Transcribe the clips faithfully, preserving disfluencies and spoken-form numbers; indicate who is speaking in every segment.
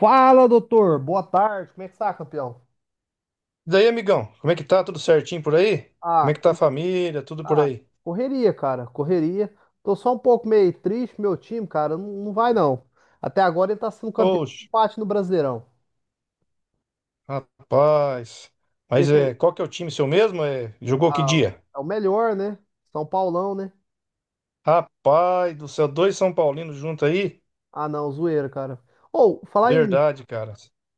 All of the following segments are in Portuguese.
Speaker 1: Fala, doutor. Boa tarde. Como é que tá, campeão?
Speaker 2: E daí, amigão, como é que tá? Tudo certinho por aí? Como
Speaker 1: Ah,
Speaker 2: é que tá a
Speaker 1: como...
Speaker 2: família? Tudo por
Speaker 1: ah,
Speaker 2: aí?
Speaker 1: correria, cara. Correria. Tô só um pouco meio triste, meu time, cara. Não, não vai, não. Até agora ele tá sendo campeão de
Speaker 2: Oxe,
Speaker 1: empate no Brasileirão.
Speaker 2: rapaz.
Speaker 1: E
Speaker 2: Mas
Speaker 1: aqui,
Speaker 2: é, qual que é o time seu mesmo? É, jogou que
Speaker 1: ah,
Speaker 2: dia?
Speaker 1: é o melhor, né? São Paulão, né?
Speaker 2: Rapaz do céu, dois São Paulinos junto aí?
Speaker 1: Ah, não, zoeira, cara. Ou, falar em
Speaker 2: Verdade, cara.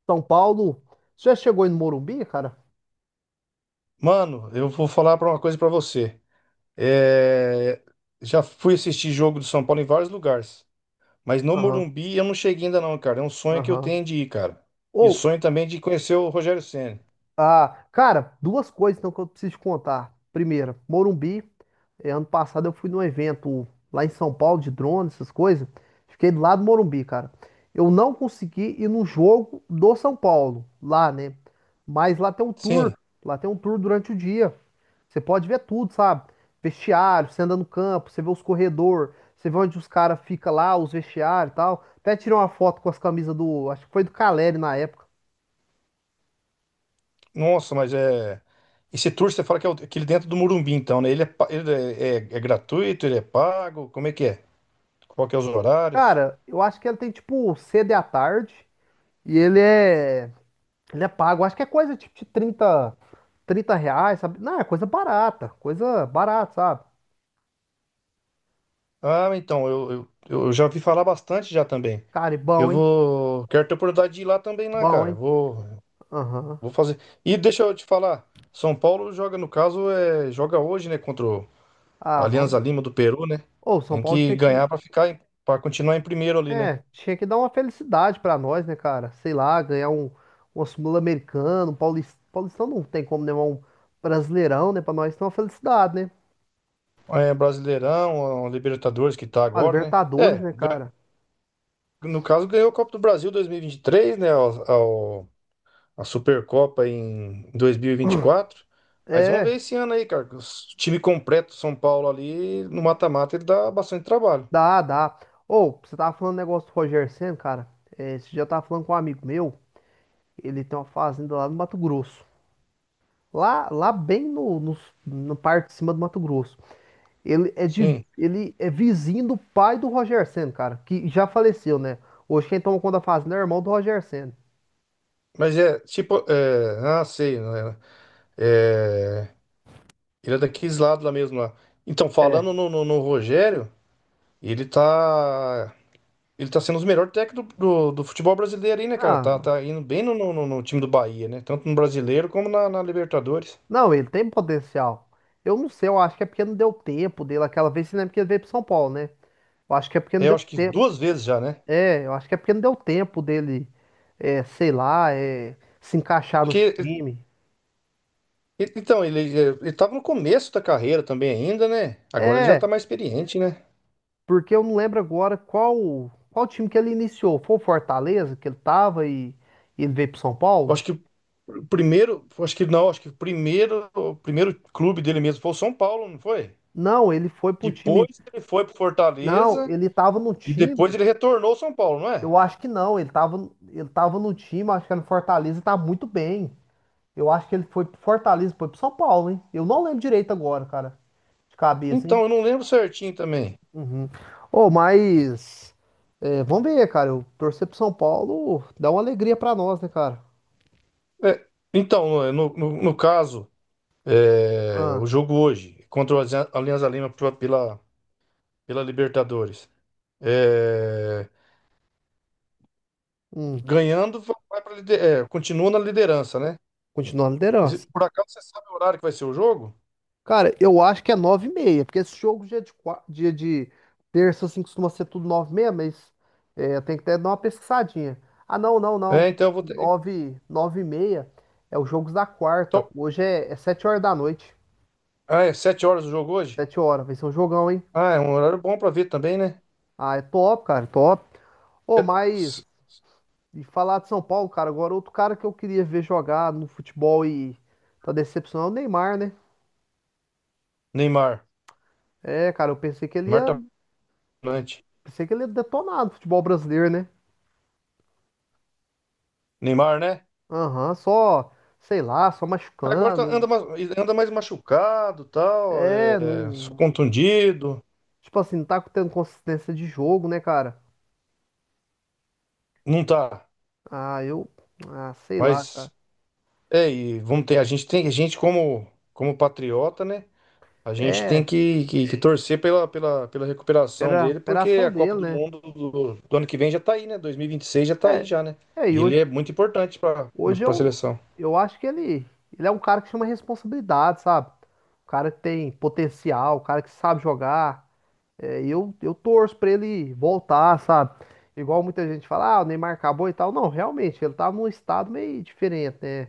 Speaker 1: São Paulo, você já chegou aí no Morumbi, cara?
Speaker 2: Mano, eu vou falar pra uma coisa pra você. É, já fui assistir jogo do São Paulo em vários lugares, mas no
Speaker 1: Aham,
Speaker 2: Morumbi eu não cheguei ainda não, cara. É um sonho que eu
Speaker 1: aham.
Speaker 2: tenho de ir, cara. E
Speaker 1: Ou,
Speaker 2: sonho também de conhecer o Rogério Ceni.
Speaker 1: Ah, cara, duas coisas então que eu preciso te contar. Primeira, Morumbi. Eh, ano passado eu fui num evento lá em São Paulo de drone, essas coisas. Fiquei do lado do Morumbi, cara. Eu não consegui ir no jogo do São Paulo, lá, né? Mas lá tem um tour.
Speaker 2: Sim.
Speaker 1: Lá tem um tour durante o dia. Você pode ver tudo, sabe? Vestiário, você anda no campo, você vê os corredores, você vê onde os caras ficam lá, os vestiários e tal. Até tirei uma foto com as camisas do. Acho que foi do Caleri na época.
Speaker 2: Nossa, mas é. Esse tour você fala que é o- aquele dentro do Morumbi, então, né? Ele, é, pa- ele é, é- é gratuito, ele é pago? Como é que é? Qual que é os horários?
Speaker 1: Cara, eu acho que ele tem tipo sede à tarde e ele é ele é pago. Acho que é coisa tipo de trinta trinta reais, sabe? Não, é coisa barata, coisa barata, sabe?
Speaker 2: Ah, então, eu, eu, eu já ouvi falar bastante já também.
Speaker 1: Cara, e
Speaker 2: Eu
Speaker 1: bom, hein?
Speaker 2: vou. Quero ter oportunidade de ir lá também, lá,
Speaker 1: Bom,
Speaker 2: cara.
Speaker 1: hein?
Speaker 2: Vou,
Speaker 1: Aham.
Speaker 2: vou fazer. E deixa eu te falar, São Paulo joga, no caso, é, joga hoje, né? Contra o
Speaker 1: Ah, vamos.
Speaker 2: Alianza Lima do Peru, né?
Speaker 1: Ô, São
Speaker 2: Tem
Speaker 1: Paulo
Speaker 2: que
Speaker 1: tinha que.
Speaker 2: ganhar pra ficar, em- pra continuar em primeiro ali, né?
Speaker 1: É, tinha que dar uma felicidade pra nós, né, cara? Sei lá, ganhar um, um Sul-Americano, um Paulist... Paulistão não tem como, né? Mas um Brasileirão, né? Pra nós ter uma felicidade, né?
Speaker 2: É, Brasileirão, ó, Libertadores que tá
Speaker 1: A
Speaker 2: agora, né?
Speaker 1: Libertadores,
Speaker 2: É.
Speaker 1: né, cara?
Speaker 2: No caso, ganhou o Copa do Brasil dois mil e vinte e três, né? Ao, ao- a Supercopa em dois mil e vinte e quatro. Mas vamos ver
Speaker 1: É.
Speaker 2: esse ano aí, cara. Que O s- time completo do São Paulo ali no mata-mata ele dá bastante trabalho.
Speaker 1: Dá, dá. Ou, você tava falando do negócio do Roger Senna, cara. É, esse dia eu tava falando com um amigo meu. Ele tem uma fazenda lá no Mato Grosso. Lá, lá bem no, no, no parte de cima do Mato Grosso. Ele é, de,
Speaker 2: Sim.
Speaker 1: ele é vizinho do pai do Roger Senna, cara. Que já faleceu, né? Hoje quem toma conta da fazenda é o irmão do Roger Senna.
Speaker 2: Mas é tipo. É, ah, sei, né? É, ele é daqueles lados lá mesmo lá. Então, falando
Speaker 1: É.
Speaker 2: no, no- no Rogério, ele tá. Ele tá sendo os melhores técnicos do, do, do futebol brasileiro aí, né, cara? Tá,
Speaker 1: Não,
Speaker 2: tá indo bem no, no, no- no time do Bahia, né? Tanto no brasileiro como na na Libertadores.
Speaker 1: não, ele tem potencial. Eu não sei, eu acho que é porque não deu tempo dele aquela vez, você lembra que ele veio pro São Paulo, né? Eu acho que é porque não
Speaker 2: É, eu
Speaker 1: deu
Speaker 2: acho que
Speaker 1: tempo.
Speaker 2: duas vezes já, né?
Speaker 1: É, eu acho que é porque não deu tempo dele é, sei lá, é, se encaixar no
Speaker 2: Porque,
Speaker 1: time.
Speaker 2: e- então, ele, é, ele tava no começo da carreira também ainda, né? Agora ele já tá
Speaker 1: É,
Speaker 2: mais experiente, né?
Speaker 1: porque eu não lembro agora qual qual time que ele iniciou. Foi o Fortaleza que ele tava e, e ele veio pro São
Speaker 2: Eu
Speaker 1: Paulo?
Speaker 2: acho que o primeiro, eu acho que não, acho que o primeiro, o primeiro clube dele mesmo foi o São Paulo, não foi?
Speaker 1: Não, ele foi para um time.
Speaker 2: Depois ele foi pro
Speaker 1: Não,
Speaker 2: Fortaleza
Speaker 1: ele tava no
Speaker 2: e depois
Speaker 1: time.
Speaker 2: ele retornou ao São Paulo, não é?
Speaker 1: Eu acho que não, ele tava, ele tava no time, acho que era no Fortaleza e tá muito bem. Eu acho que ele foi pro Fortaleza, e foi pro São Paulo, hein? Eu não lembro direito agora, cara, de cabeça, hein?
Speaker 2: Então, eu não lembro certinho também.
Speaker 1: Uhum. Ô, mas é, vamos ver, cara. Eu torcer pro São Paulo dá uma alegria pra nós, né, cara?
Speaker 2: É, então, no, no, no caso, é, o
Speaker 1: Ah,
Speaker 2: jogo hoje contra o Alianza Alianza Lima pela, pela Libertadores. É,
Speaker 1: hum,
Speaker 2: Ganhando, va- vai pra lider- é, continua na liderança, né?
Speaker 1: continua a
Speaker 2: Esse-
Speaker 1: liderança.
Speaker 2: Por acaso você sabe o horário que vai ser o jogo?
Speaker 1: Cara, eu acho que é nove e meia, porque esse jogo dia de, qua- dia de terça, assim, costuma ser tudo nove e meia, mas é, tem que até dar uma pesquisadinha. Ah, não, não, não.
Speaker 2: É, então eu vou ter.
Speaker 1: Nove, nove e meia é os jogos da quarta.
Speaker 2: Então,
Speaker 1: Hoje é, é sete horas da noite.
Speaker 2: ah, é sete horas o jogo hoje?
Speaker 1: Sete horas, vai ser um jogão, hein?
Speaker 2: Ah, é um horário bom pra ver também, né?
Speaker 1: Ah, é top, cara, top. Ô,
Speaker 2: Se-
Speaker 1: mas.
Speaker 2: se-
Speaker 1: E falar de São Paulo, cara, agora outro cara que eu queria ver jogar no futebol e tá decepcionado, é o Neymar, né?
Speaker 2: Neymar.
Speaker 1: É, cara, eu pensei que ele
Speaker 2: Neymar
Speaker 1: ia,
Speaker 2: tá volante.
Speaker 1: pensei que ele ia detonar no futebol brasileiro, né?
Speaker 2: Neymar, né?
Speaker 1: Aham, só, sei lá, só
Speaker 2: Agora tá-
Speaker 1: machucando.
Speaker 2: anda, mais- anda mais machucado, tal,
Speaker 1: É,
Speaker 2: é,
Speaker 1: não,
Speaker 2: contundido.
Speaker 1: tipo assim, não tá tendo consistência de jogo, né, cara?
Speaker 2: Não tá.
Speaker 1: Ah, eu, ah, Sei lá,
Speaker 2: Mas
Speaker 1: cara.
Speaker 2: é, e vamos ter, a gente tem, a gente como, como patriota, né? A gente tem
Speaker 1: É,
Speaker 2: que, que- que torcer pela, pela, pela recuperação
Speaker 1: era a
Speaker 2: dele, porque
Speaker 1: operação
Speaker 2: a Copa
Speaker 1: dele,
Speaker 2: do
Speaker 1: né?
Speaker 2: Mundo do, do ano que vem já tá aí, né? dois mil e vinte e seis já tá aí
Speaker 1: É,
Speaker 2: já, né?
Speaker 1: é, e
Speaker 2: E ele
Speaker 1: hoje
Speaker 2: é muito importante para
Speaker 1: Hoje
Speaker 2: a
Speaker 1: eu,
Speaker 2: seleção.
Speaker 1: eu acho que ele, ele é um cara que chama responsabilidade, sabe? O cara que tem potencial, o cara que sabe jogar. É, e eu, eu torço pra ele voltar, sabe? Igual muita gente fala, ah, o Neymar acabou e tal. Não, realmente, ele tá num estado meio diferente, né?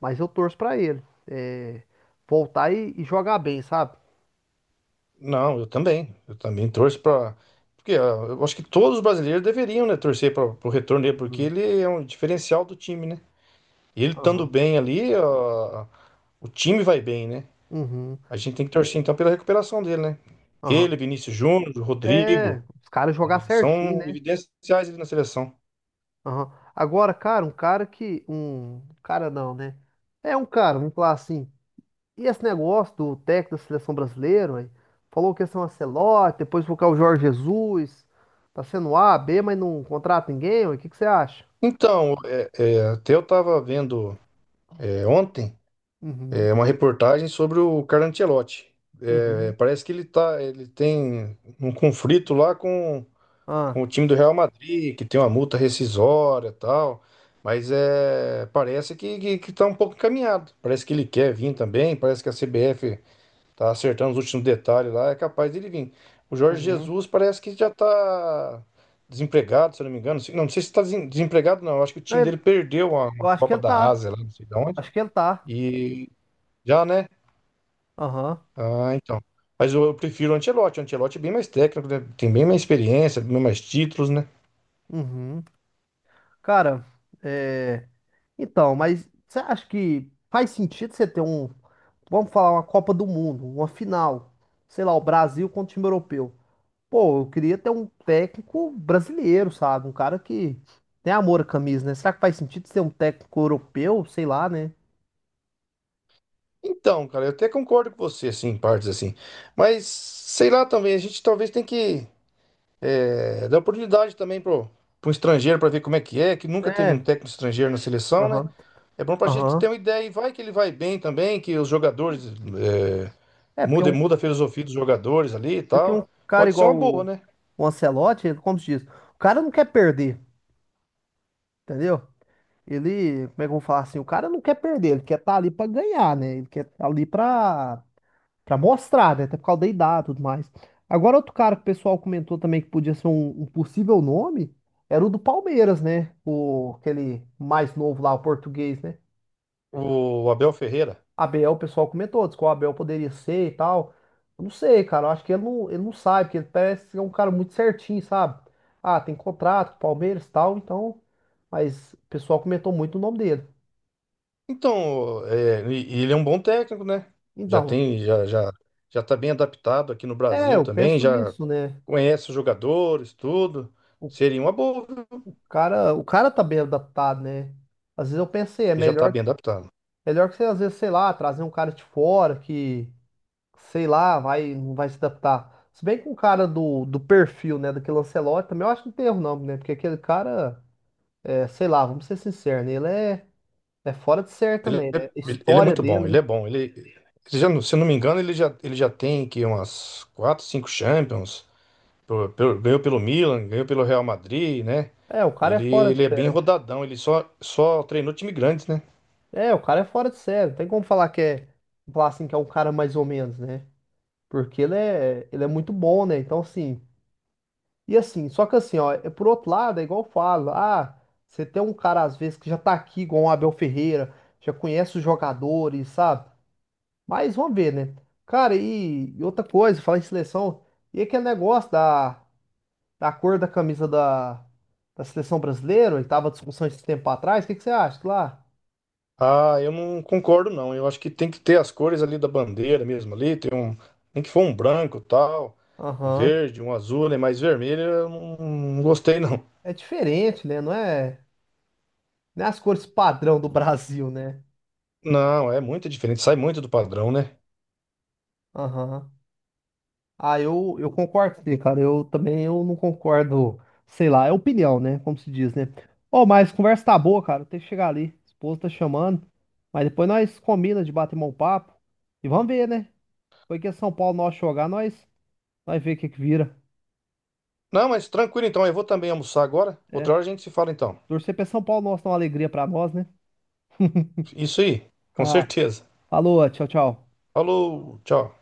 Speaker 1: Mas eu torço pra ele é, voltar e, e jogar bem, sabe?
Speaker 2: Não, eu também. Eu também torço para. Porque ah, eu acho que todos os brasileiros deveriam, né, torcer para o retorno dele, porque
Speaker 1: Uhum,
Speaker 2: ele é um diferencial do time, né? Ele estando
Speaker 1: aham,
Speaker 2: bem ali, ah, o time vai bem, né?
Speaker 1: uhum,
Speaker 2: A gente tem que torcer então pela recuperação dele, né?
Speaker 1: aham.
Speaker 2: Ele, Vinícius Júnior,
Speaker 1: É,
Speaker 2: Rodrigo,
Speaker 1: os caras jogar certinho,
Speaker 2: são
Speaker 1: né?
Speaker 2: evidenciais ali na seleção.
Speaker 1: Aham. Agora, cara, um cara que. Um cara não, né? É um cara, vamos falar assim. E esse negócio do técnico da seleção brasileira, ué, falou que ia ser um Ancelotti, depois colocar o Jorge Jesus. Tá sendo A, B, mas não contrata ninguém, ué. O que que você acha?
Speaker 2: Então, é- é, até eu estava vendo é, ontem
Speaker 1: Uhum,
Speaker 2: é, uma reportagem sobre o Carlo Ancelotti. É,
Speaker 1: uhum.
Speaker 2: parece que ele tá, ele tem um conflito lá com,
Speaker 1: Ah,
Speaker 2: com o time do Real Madrid, que tem uma multa rescisória e tal. Mas é, parece que, que, que tá um pouco encaminhado. Parece que ele quer vir também, parece que a C B F tá acertando os últimos detalhes lá, é capaz dele vir. O Jorge
Speaker 1: uhum.
Speaker 2: Jesus parece que já tá desempregado, se eu não me engano. Não, não sei se tá desem- desempregado, não. Eu acho que o
Speaker 1: Não,
Speaker 2: time dele
Speaker 1: ele-
Speaker 2: perdeu uma,
Speaker 1: eu
Speaker 2: uma
Speaker 1: acho que
Speaker 2: Copa
Speaker 1: ele
Speaker 2: da
Speaker 1: tá.
Speaker 2: Ásia, lá, não sei de onde.
Speaker 1: Acho que ele tá.
Speaker 2: E já, né?
Speaker 1: Aham.
Speaker 2: Ah, então. Mas eu, eu prefiro o Ancelotti. O Ancelotti é bem mais técnico, né? Tem bem mais experiência, bem mais títulos, né?
Speaker 1: Uhum. Cara, é. Então, mas você acha que faz sentido você ter um. Vamos falar uma Copa do Mundo, uma final. Sei lá, o Brasil contra o time europeu. Pô, eu queria ter um técnico brasileiro, sabe? Um cara que tem amor à camisa, né? Será que faz sentido ser um técnico europeu? Sei lá, né?
Speaker 2: Então, cara, eu até concordo com você, assim, em partes assim. Mas, sei lá também, a gente talvez tem que é, dá oportunidade também pro, pro estrangeiro para ver como é que é, que nunca teve um
Speaker 1: É,
Speaker 2: técnico estrangeiro na seleção, né?
Speaker 1: aham,
Speaker 2: É bom pra gente ter
Speaker 1: aham.
Speaker 2: uma ideia e vai que ele vai bem também, que os jogadores é,
Speaker 1: É, porque
Speaker 2: muda,
Speaker 1: um,
Speaker 2: muda a filosofia dos jogadores ali e
Speaker 1: Porque
Speaker 2: tal.
Speaker 1: um cara
Speaker 2: Pode ser uma
Speaker 1: igual
Speaker 2: boa,
Speaker 1: o,
Speaker 2: né?
Speaker 1: o Ancelotti, ele, como se diz, o cara não quer perder, entendeu? Ele, como é que eu vou falar assim? O cara não quer perder, ele quer estar ali pra ganhar, né? Ele quer estar ali pra pra mostrar, né? Até por causa da idade e tudo mais. Agora, outro cara que o pessoal comentou também que podia ser um, um possível nome era o do Palmeiras, né? O, aquele mais novo lá, o português, né?
Speaker 2: O Abel Ferreira.
Speaker 1: Abel, o pessoal comentou, disse que o Abel poderia ser e tal. Eu não sei, cara. Eu acho que ele não, ele não sabe, porque ele parece ser um cara muito certinho, sabe? Ah, tem contrato com o Palmeiras e tal, então. Mas o pessoal comentou muito o nome dele.
Speaker 2: Então, é, e- e ele é um bom técnico, né? Já
Speaker 1: Então,
Speaker 2: tem, já, já, já tá bem adaptado aqui no
Speaker 1: é,
Speaker 2: Brasil
Speaker 1: eu
Speaker 2: também,
Speaker 1: penso
Speaker 2: já
Speaker 1: isso, né?
Speaker 2: conhece os jogadores, tudo.
Speaker 1: O
Speaker 2: Seria uma boa, viu?
Speaker 1: cara, o cara tá bem adaptado, né? Às vezes eu pensei, é
Speaker 2: Ele já tá
Speaker 1: melhor
Speaker 2: bem adaptado.
Speaker 1: melhor que você, às vezes, sei lá, trazer um cara de fora que, sei lá, vai, não vai se adaptar. Se bem que um cara do, do perfil, né, daquele Ancelotti, também eu acho que não tem erro não, né? Porque aquele cara, é, sei lá, vamos ser sinceros, né? Ele é, é fora de série
Speaker 2: Ele
Speaker 1: também,
Speaker 2: é,
Speaker 1: né? A
Speaker 2: ele é
Speaker 1: história
Speaker 2: muito
Speaker 1: dele,
Speaker 2: bom, ele
Speaker 1: né?
Speaker 2: é bom. Ele, ele já, não- se eu não me engano, ele já, ele já tem que umas quatro, cinco Champions. Pô, pelo- ganhou pelo Milan, ganhou pelo Real Madrid, né?
Speaker 1: É, o cara é
Speaker 2: Ele,
Speaker 1: fora de
Speaker 2: ele é bem
Speaker 1: série.
Speaker 2: rodadão, ele só, só treinou time grande, né?
Speaker 1: É, o cara é fora de série. Não tem como falar que é, falar assim, que é um cara mais ou menos, né? Porque ele é, ele é muito bom, né? Então, assim, e assim, só que assim, ó, é por outro lado, é igual eu falo, ah, você tem um cara às vezes que já tá aqui, igual o Abel Ferreira, já conhece os jogadores, sabe? Mas vamos ver, né? Cara, e, e outra coisa, falar em seleção, e aquele negócio da, da cor da camisa da, da seleção brasileira, e tava discussão esse tempo atrás, o que que você acha que lá?
Speaker 2: Ah, eu não concordo, não. Eu acho que tem que ter as cores ali da bandeira mesmo ali. Tem um, tem que for um branco tal, um
Speaker 1: Aham.
Speaker 2: verde, um azul, né? Mas vermelho eu não, não gostei, não.
Speaker 1: É diferente, né? Não é, não é as cores padrão do Brasil, né?
Speaker 2: Não, é muito diferente, sai muito do padrão, né?
Speaker 1: Aham. Ah, eu, eu concordo, sim, cara. Eu também eu não concordo, sei lá, é opinião, né? Como se diz, né? Ô, mas conversa tá boa, cara. Tem que chegar ali. Esposa tá chamando. Mas depois nós combina de bater mão papo. E vamos ver, né? Foi que é São Paulo nós jogar, nós, nós ver o que que vira.
Speaker 2: Não, mas tranquilo então. Eu vou também almoçar agora.
Speaker 1: É.
Speaker 2: Outra hora a gente se fala então.
Speaker 1: Torcer pra São Paulo nosso dar uma alegria pra nós, né?
Speaker 2: Isso aí, com
Speaker 1: Ah,
Speaker 2: certeza.
Speaker 1: falou, tchau, tchau.
Speaker 2: Falou, tchau.